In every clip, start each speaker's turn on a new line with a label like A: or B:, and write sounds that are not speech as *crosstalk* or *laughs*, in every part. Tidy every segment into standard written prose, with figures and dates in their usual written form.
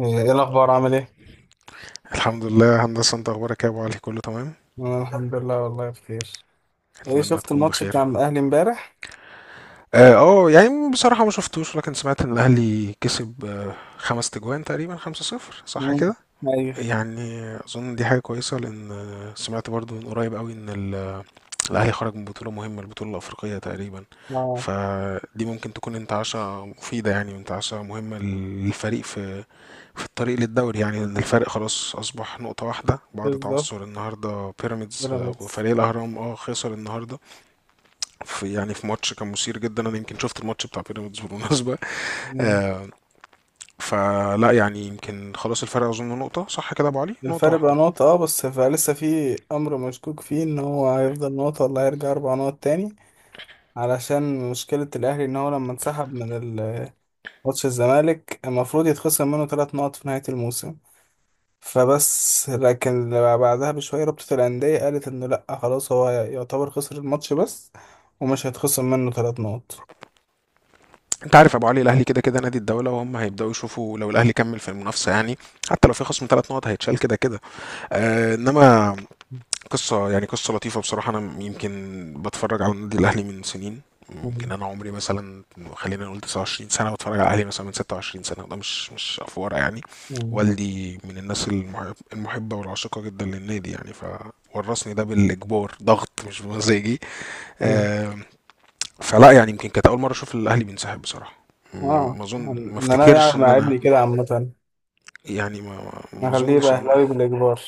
A: ايه الاخبار، عامل ايه؟
B: الحمد لله هندسة. انت اخبارك ايه يا ابو علي؟ كله تمام.
A: انا الحمد لله، والله بخير. ايه،
B: اتمنى
A: شفت
B: تكون
A: الماتش بتاع
B: بخير.
A: الاهلي امبارح؟
B: اه يعني بصراحة ما شفتوش، لكن سمعت ان الاهلي كسب خمس تجوان، تقريبا خمسة صفر صح
A: مم.
B: كده.
A: ايوه.
B: يعني اظن دي حاجة كويسة، لان سمعت برضو من قريب قوي ان الاهلي خرج من بطولة مهمة، البطولة الافريقية تقريبا.
A: اه،
B: فدي ممكن تكون انتعاشة مفيدة يعني، وانتعاشة مهمة للفريق في في الطريق للدوري، يعني لأن الفرق خلاص أصبح نقطة واحدة بعد
A: بالظبط.
B: تعثر النهاردة بيراميدز،
A: بيراميدز.
B: وفريق الأهرام اه خسر النهاردة في يعني في ماتش كان مثير جدا. أنا يمكن شفت الماتش بتاع بيراميدز بالمناسبة.
A: مم.
B: آه، فلا يعني يمكن خلاص الفرق أظن نقطة، صح كده يا أبو علي؟ نقطة
A: الفرق بقى
B: واحدة.
A: نقطة، اه، بس لسه في امر مشكوك فيه ان هو هيفضل نقطة ولا هيرجع اربع نقط تاني، علشان مشكلة الاهلي ان هو لما انسحب من ال- ماتش الزمالك المفروض يتخصم منه ثلاث نقط في نهاية الموسم. فبس لكن بعدها بشوية رابطة الأندية قالت إنه لأ، خلاص هو يعتبر خسر الماتش بس، ومش هيتخصم منه ثلاث نقط.
B: أنت عارف يا أبو علي الأهلي كده كده نادي الدولة، وهم هيبدأوا يشوفوا لو الأهلي كمل في المنافسة يعني، حتى لو في خصم ثلاث نقط هيتشال كده كده. إنما قصة، يعني قصة لطيفة بصراحة. أنا يمكن بتفرج على النادي الأهلي من سنين، يمكن
A: مم.
B: أنا عمري مثلا، خلينا نقول 29 سنة، بتفرج على الأهلي مثلا من 26 سنة، ده مش مش أفورة يعني.
A: مم.
B: والدي من الناس المحب المحبة والعاشقة جدا للنادي يعني، فورثني ده بالإجبار، ضغط مش بمزاجي.
A: مم.
B: آم، فلا يعني يمكن كانت أول مرة أشوف الأهلي بينسحب بصراحة.
A: اه،
B: ما أظن، ما
A: إن أنا
B: أفتكرش
A: يعني
B: إن
A: مع
B: أنا
A: ابني كده عامة
B: يعني ما ما
A: أخليه
B: أظنش
A: يبقى
B: إن،
A: أهلاوي بالإجبار.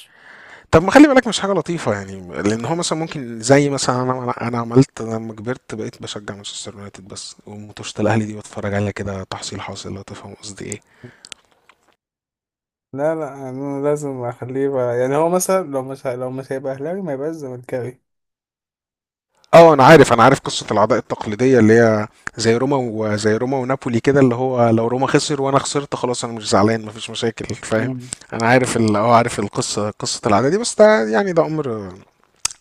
B: طب ما خلي بالك مش حاجة لطيفة يعني، لأن هو مثلا ممكن زي مثلا أنا، أنا عملت لما كبرت بقيت بشجع مانشستر يونايتد بس، وماتشات الأهلي دي بتفرج عليها كده تحصيل حاصل، لو تفهم قصدي إيه.
A: لا لا، أنا لازم أخليه يبقى، يعني هو مثلا لو مش لو مش هيبقى أهلاوي ما يبقاش زملكاوي.
B: أه أنا عارف، أنا عارف قصة العداء التقليدية اللي هي زي روما، وزي روما ونابولي كده، اللي هو لو روما خسر وأنا خسرت خلاص أنا مش زعلان، مفيش مشاكل، فاهم.
A: مم.
B: أنا عارف أه عارف القصة، قصة العداء دي، بس ده يعني ده أمر.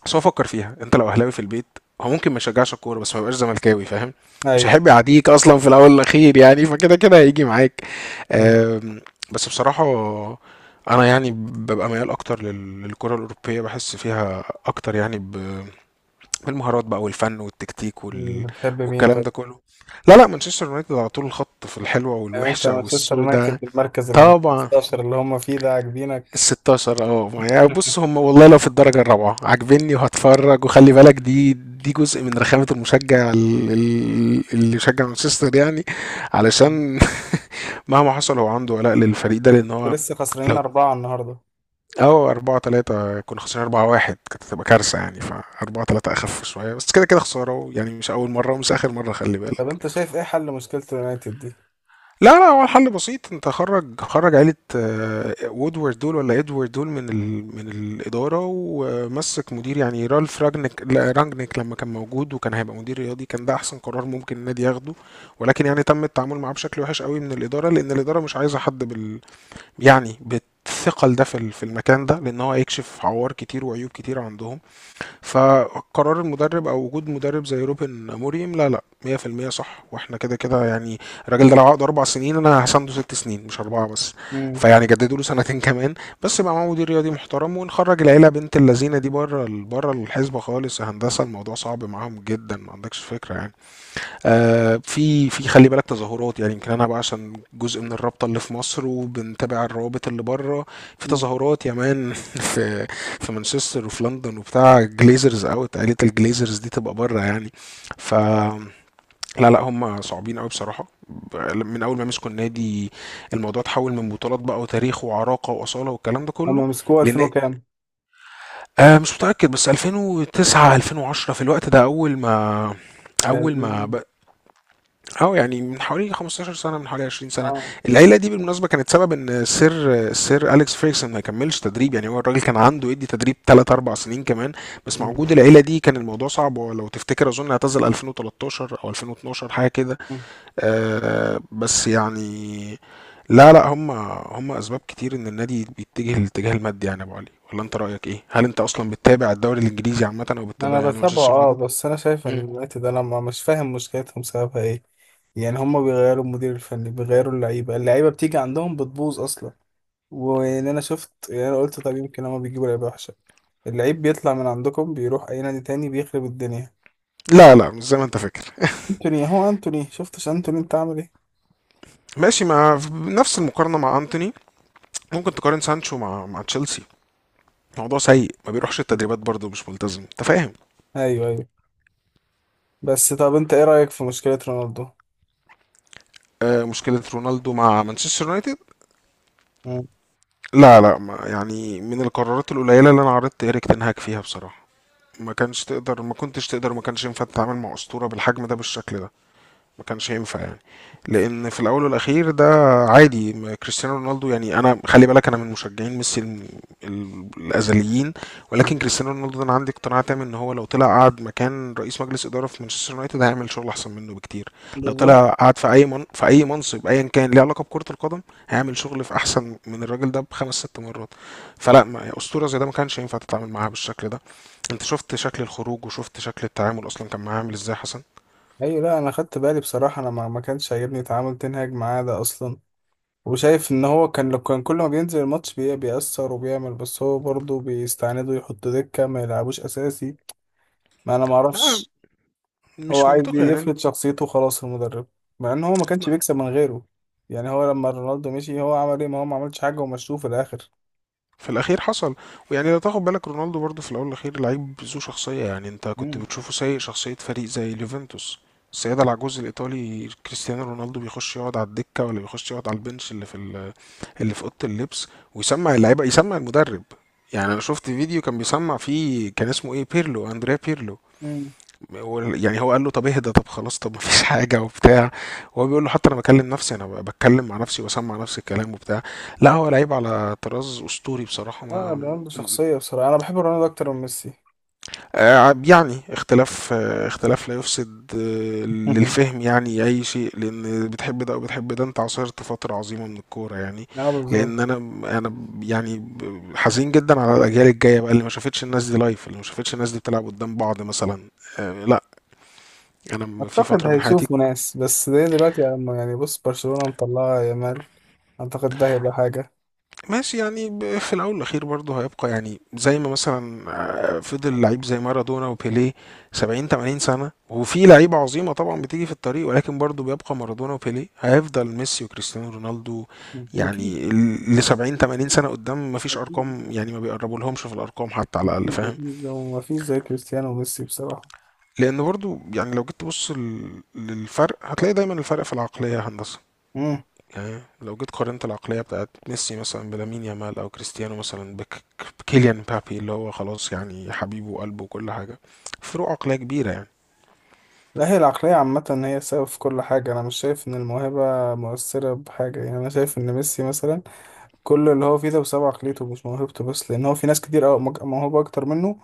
B: بس هو فكر فيها، انت لو اهلاوي في البيت هو ممكن ما يشجعش الكوره، بس ما يبقاش زملكاوي، فاهم. مش
A: أيوة.
B: هيحب يعاديك اصلا، في الاول والاخير يعني، فكده كده هيجي معاك.
A: م-
B: آم، بس بصراحه انا يعني ببقى ميال اكتر للكره الاوروبيه، بحس فيها اكتر يعني، بالمهارات بقى والفن والتكتيك
A: بتحب مين
B: والكلام
A: طب؟
B: ده كله. لا لا مانشستر يونايتد على طول الخط، في الحلوه
A: يعني أنت
B: والوحشه
A: مانشستر يونايتد،
B: والسوداء.
A: المركز ال
B: طبعا.
A: 15 اللي هم فيه ده عاجبينك؟
B: الستاشر اه، يعني بص هم
A: *laughs*
B: والله لو في الدرجة الرابعة عاجبني وهتفرج، وخلي بالك دي، دي جزء من رخامة المشجع اللي يشجع مانشستر يعني، علشان *laughs* مهما حصل هو عنده ولاء للفريق ده، لان هو
A: ولسه خسرانين
B: لو
A: أربعة النهاردة.
B: اه، أربعة تلاتة كنا خسرانين. أربعة واحد كانت هتبقى كارثة يعني، فأربعة تلاتة أخف شوية، بس كده كده خسارة يعني، مش أول مرة ومش آخر مرة خلي
A: طب
B: بالك.
A: أنت شايف إيه حل مشكلة اليونايتد دي؟
B: لا لا هو الحل بسيط، انت خرج خرج عيلة وودورد دول، ولا ادوارد دول، من من الإدارة، ومسك مدير يعني رالف راجنيك لا رانجنيك، لما كان موجود وكان هيبقى مدير رياضي، كان ده أحسن قرار ممكن النادي ياخده. ولكن يعني تم التعامل معاه بشكل وحش قوي من الإدارة، لأن الإدارة مش عايزة حد بال، يعني بالثقل ده في في المكان ده، لأن هو هيكشف عوار كتير وعيوب كتير عندهم. فقرار المدرب او وجود مدرب زي روبن موريم لا لا 100% صح، واحنا كده كده يعني الراجل ده لو عقد اربع سنين انا هسنده ست سنين، مش اربعه بس.
A: مم.
B: فيعني جددوا له سنتين *laughs* كمان، بس يبقى معاه مدير رياضي محترم، ونخرج العيله بنت اللذينه دي بره، بره الحسبه خالص يا هندسه. الموضوع صعب معاهم جدا، ما عندكش فكره يعني. في في خلي بالك تظاهرات يعني، يمكن انا بقى عشان جزء من الرابطه اللي في مصر وبنتابع الروابط اللي بره، في
A: مم.
B: تظاهرات يا مان *laughs* في في مانشستر وفي لندن وبتاع، جليزرز اوت، عائله الجليزرز دي تبقى بره يعني. ف لا لا هم صعبين قوي بصراحه، من اول ما مسكوا النادي الموضوع اتحول من بطولات بقى، وتاريخ وعراقه واصاله والكلام ده كله،
A: هما مسكوه 2000
B: لان
A: وكام؟
B: آه مش متاكد، بس 2009 2010 في الوقت ده، اول ما اول ما
A: يعني،
B: اه يعني من حوالي 15 سنة، من حوالي 20 سنة.
A: آه.
B: العيلة دي بالمناسبة كانت سبب ان سير سير أليكس فيرجسون ما يكملش تدريب يعني، هو الراجل كان عنده يدي تدريب 3 4 سنين كمان، بس مع
A: مم.
B: وجود العيلة دي كان الموضوع صعب. ولو تفتكر اظن اعتزل 2013 او 2012 حاجة كده.
A: مم.
B: آه بس يعني لا لا هم، هم اسباب كتير ان النادي بيتجه للاتجاه المادي يعني يا ابو علي. ولا انت رأيك ايه؟ هل انت اصلا بتتابع الدوري الانجليزي عامة، او
A: أنا
B: بتتابع يعني
A: بتابعه،
B: مانشستر
A: آه،
B: يونايتد؟
A: بس أنا شايف إن
B: مم.
A: اليونايتد أنا مش فاهم مشكلتهم سببها إيه. يعني هما بيغيروا المدير الفني، بيغيروا اللعيبة، اللعيبة بتيجي عندهم بتبوظ أصلا. وإن أنا شفت، يعني أنا قلت طب يمكن هما بيجيبوا لعيبة وحشة، اللعيب بيطلع من عندكم بيروح أي نادي تاني بيخرب الدنيا.
B: لا لا مش زي ما انت فاكر.
A: أنتوني، هو أنتوني شفتش أنتوني أنت عامل إيه؟
B: ماشي، مع نفس المقارنة مع أنتوني ممكن تقارن سانشو مع مع تشيلسي. موضوع سيء، ما بيروحش التدريبات برضه، مش ملتزم، انت فاهم.
A: أيوه أيوه. بس طب انت ايه رأيك في مشكلة رونالدو؟
B: آه، مشكلة رونالدو مع مانشستر يونايتد،
A: مم.
B: لا لا ما يعني، من القرارات القليلة اللي انا عرضت إيريك تنهاك فيها بصراحة. ما كانش تقدر، ما كنتش تقدر، ما كانش ينفع تتعامل مع أسطورة بالحجم ده بالشكل ده، ما كانش هينفع يعني. لان في الاول والاخير ده عادي ما كريستيانو رونالدو، يعني انا خلي بالك انا من مشجعين ميسي الازليين، ولكن كريستيانو رونالدو ده انا عندي اقتناع تام ان هو لو طلع قعد مكان رئيس مجلس اداره في مانشستر يونايتد هيعمل شغل احسن منه بكتير. لو
A: بالظبط.
B: طلع قعد في اي من في اي منصب ايا كان ليه علاقه بكره القدم، هيعمل شغل في احسن من الراجل ده بخمس ست مرات. فلا اسطوره زي ده ما كانش ينفع تتعامل معاها بالشكل ده. انت شفت شكل الخروج، وشفت شكل التعامل اصلا كان معاه عامل ازاي حسن.
A: ايوه، لا انا خدت بالي بصراحة، انا ما كانش عاجبني تعامل تنهاج معاه ده اصلا، وشايف ان هو كان لو كان كل ما بينزل الماتش بيأثر وبيعمل، بس هو برضه بيستعند يحط دكة ما يلعبوش اساسي. ما انا ما
B: لا
A: اعرفش. هو
B: مش
A: عايز
B: منطقي يعني،
A: يفرض شخصيته خلاص المدرب، مع ان هو ما كانش
B: ما-
A: بيكسب من غيره. يعني هو لما رونالدو مشي هو عمل ايه؟ ما هو ما عملش حاجة ومشوه في الاخر.
B: في الاخير حصل. ويعني لو تاخد بالك رونالدو برضو في الاول والاخير لعيب ذو شخصيه يعني، انت كنت
A: مم.
B: بتشوفه سايق شخصيه فريق زي اليوفنتوس، السيدة العجوز الإيطالي، كريستيانو رونالدو بيخش يقعد على الدكة، ولا بيخش يقعد على البنش اللي في اللي في أوضة اللبس، ويسمع اللعيبة، يسمع المدرب. يعني أنا شفت فيديو كان بيسمع فيه، كان اسمه إيه، بيرلو، أندريا بيرلو.
A: مم.
B: يعني هو قال له طب اهدى، طب خلاص، طب مفيش حاجه وبتاع، وهو بيقول له حتى انا بكلم نفسي، انا بتكلم مع نفسي وبسمع نفسي الكلام وبتاع. لا هو لعيب على طراز اسطوري بصراحه
A: لا،
B: ما
A: رونالدو
B: م-
A: شخصية بصراحة، انا بحب رونالدو اكتر من ميسي.
B: يعني اختلاف، اختلاف لا يفسد
A: *laughs*
B: للفهم، يعني اي شيء، لان بتحب ده وبتحب ده، انت عاصرت فتره عظيمه من الكوره يعني.
A: اه بالظبط.
B: لان انا، انا يعني حزين جدا على الاجيال الجايه بقى، اللي ما شافتش الناس دي لايف، اللي ما شافتش الناس دي بتلعب قدام بعض مثلا. لا انا في
A: اعتقد
B: فتره من حياتي،
A: هيشوفوا ناس، بس زي دلوقتي لما، يعني بص، برشلونة مطلعة يامال. اعتقد ده هيبقى حاجة.
B: ماشي يعني في الاول والاخير برضه هيبقى يعني زي ما مثلا، فضل لعيب زي مارادونا وبيليه 70 80 سنه، وفي لعيبه عظيمه طبعا بتيجي في الطريق، ولكن برضه بيبقى مارادونا وبيليه، هيفضل ميسي وكريستيانو رونالدو
A: اكيد.
B: يعني ل 70 80 سنه قدام، ما فيش
A: اكيد،
B: ارقام يعني، ما بيقربوا لهمش في الارقام حتى على الاقل،
A: اكيد،
B: فاهم.
A: اكيد، هو ما فيش زي كريستيانو وميسي بصراحة.
B: لان برضه يعني لو جيت تبص للفرق هتلاقي دايما الفرق في العقليه يا هندسه.
A: امم.
B: يعني لو جيت قارنت العقلية بتاعت ميسي مثلا بلامين يامال، أو كريستيانو مثلا بكيليان مبابي اللي هو خلاص يعني حبيبه وقلبه وكل حاجة، فروق عقلية كبيرة يعني.
A: لا، هي العقلية عامة هي السبب في كل حاجة. أنا مش شايف إن الموهبة مؤثرة بحاجة، يعني أنا شايف إن ميسي مثلا كل اللي هو فيه ده بسبب عقليته مش موهبته بس، لأن هو في ناس كتير أوي موهوبة أكتر منه،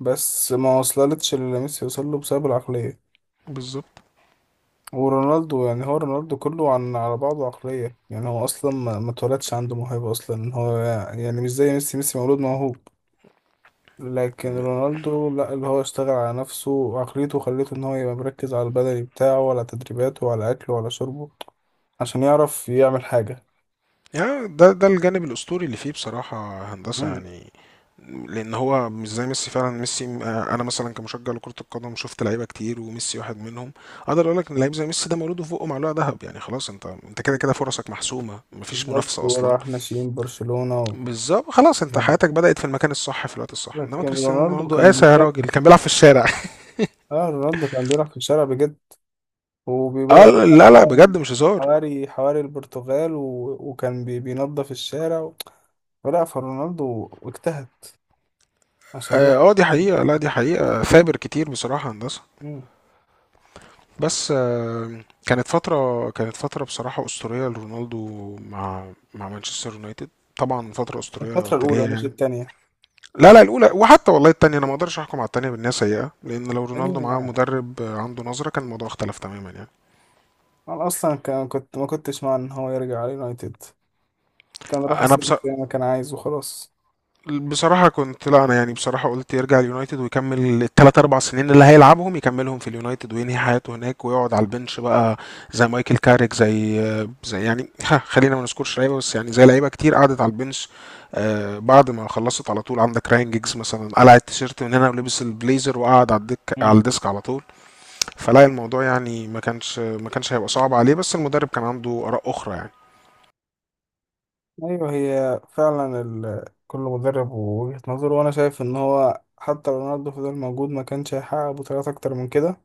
A: بس ما وصلتش اللي ميسي وصل له بسبب العقلية.
B: بالظبط.
A: ورونالدو، يعني هو رونالدو كله عن على بعضه عقلية، يعني هو أصلا ما اتولدش عنده موهبة أصلا، هو يعني مش زي ميسي. ميسي مولود موهوب، لكن
B: م-
A: رونالدو لا، اللي هو اشتغل على نفسه وعقليته خلته إن هو يبقى مركز على البدني بتاعه وعلى تدريباته وعلى أكله وعلى شربه عشان يعرف يعمل حاجة.
B: يعني ده ده الجانب الأسطوري اللي فيه بصراحة هندسة
A: مم.
B: يعني، لأن هو مش زي ميسي فعلا. ميسي أنا مثلا كمشجع لكرة القدم شفت لعيبة كتير، وميسي واحد منهم. أقدر أقول لك إن لعيب زي ميسي ده مولود وفوقه معلقة ذهب يعني، خلاص أنت، أنت كده كده فرصك محسومة، مفيش
A: بالظبط.
B: منافسة أصلا.
A: وراح ناشئين برشلونة
B: بالظبط، خلاص انت
A: يعني.
B: حياتك بدأت في المكان الصح في الوقت الصح. انما
A: لكن
B: كريستيانو
A: رونالدو
B: رونالدو
A: كان
B: قاسى يا راجل،
A: بيكافح،
B: كان بيلعب في الشارع *laughs*
A: اه رونالدو كان بيلعب في الشارع بجد.
B: اه
A: وبدأ
B: لا لا بجد مش هزار.
A: حواري حواري البرتغال وكان بينظف الشارع، ولا فرونالدو واجتهد عشان
B: اه
A: يوصل.
B: دي حقيقة، لا دي حقيقة، ثابر كتير بصراحة يا هندسة.
A: مم.
B: بس آه، كانت فترة، كانت فترة بصراحة أسطورية لرونالدو مع مع مانشستر يونايتد، طبعا فترة أسطورية
A: الفترة الأولى
B: تالية
A: مش
B: يعني.
A: التانية.
B: لا لا الأولى، وحتى والله التانية أنا ما أقدرش أحكم على التانية بأنها سيئة، لأن لو رونالدو
A: التانية
B: معاه مدرب عنده نظرة كان الموضوع اختلف تماما يعني.
A: أنا أصلا كان كنت ما كنتش مع إن هو يرجع على اليونايتد، كان راح
B: أنا بص...
A: السيتي زي ما كان عايز وخلاص.
B: بصراحة كنت، لا أنا يعني بصراحة قلت يرجع اليونايتد ويكمل التلات أربع سنين اللي هيلعبهم، يكملهم في اليونايتد وينهي حياته هناك، ويقعد على البنش بقى زي مايكل كاريك، زي يعني ها خلينا ما نذكرش لعيبة، بس يعني زي لعيبة كتير قعدت على البنش آه بعد ما خلصت على طول. عندك راين جيجز مثلا قلع التيشيرت من هنا ولبس البليزر وقعد على الدك، على
A: مم.
B: الديسك على طول. فلا الموضوع يعني ما كانش هيبقى صعب عليه، بس المدرب كان عنده آراء أخرى يعني.
A: أيوه، هي فعلا كل مدرب ووجهة نظره، وأنا شايف إن هو حتى لو رونالدو فضل موجود ما كانش هيحقق بطولات أكتر من كده.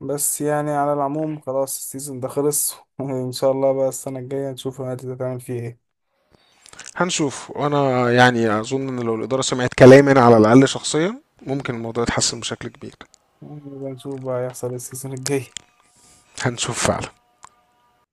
A: بس يعني على العموم خلاص السيزون ده خلص، *laughs* وإن شاء الله بقى السنة الجاية نشوف النادي ده تعمل فيه إيه.
B: هنشوف، وانا يعني اظن ان لو الاداره سمعت كلامي انا على الاقل شخصيا ممكن الموضوع يتحسن بشكل كبير.
A: نبقى نشوف بقى هيحصل إيه السيزون الجاي.
B: هنشوف فعلا.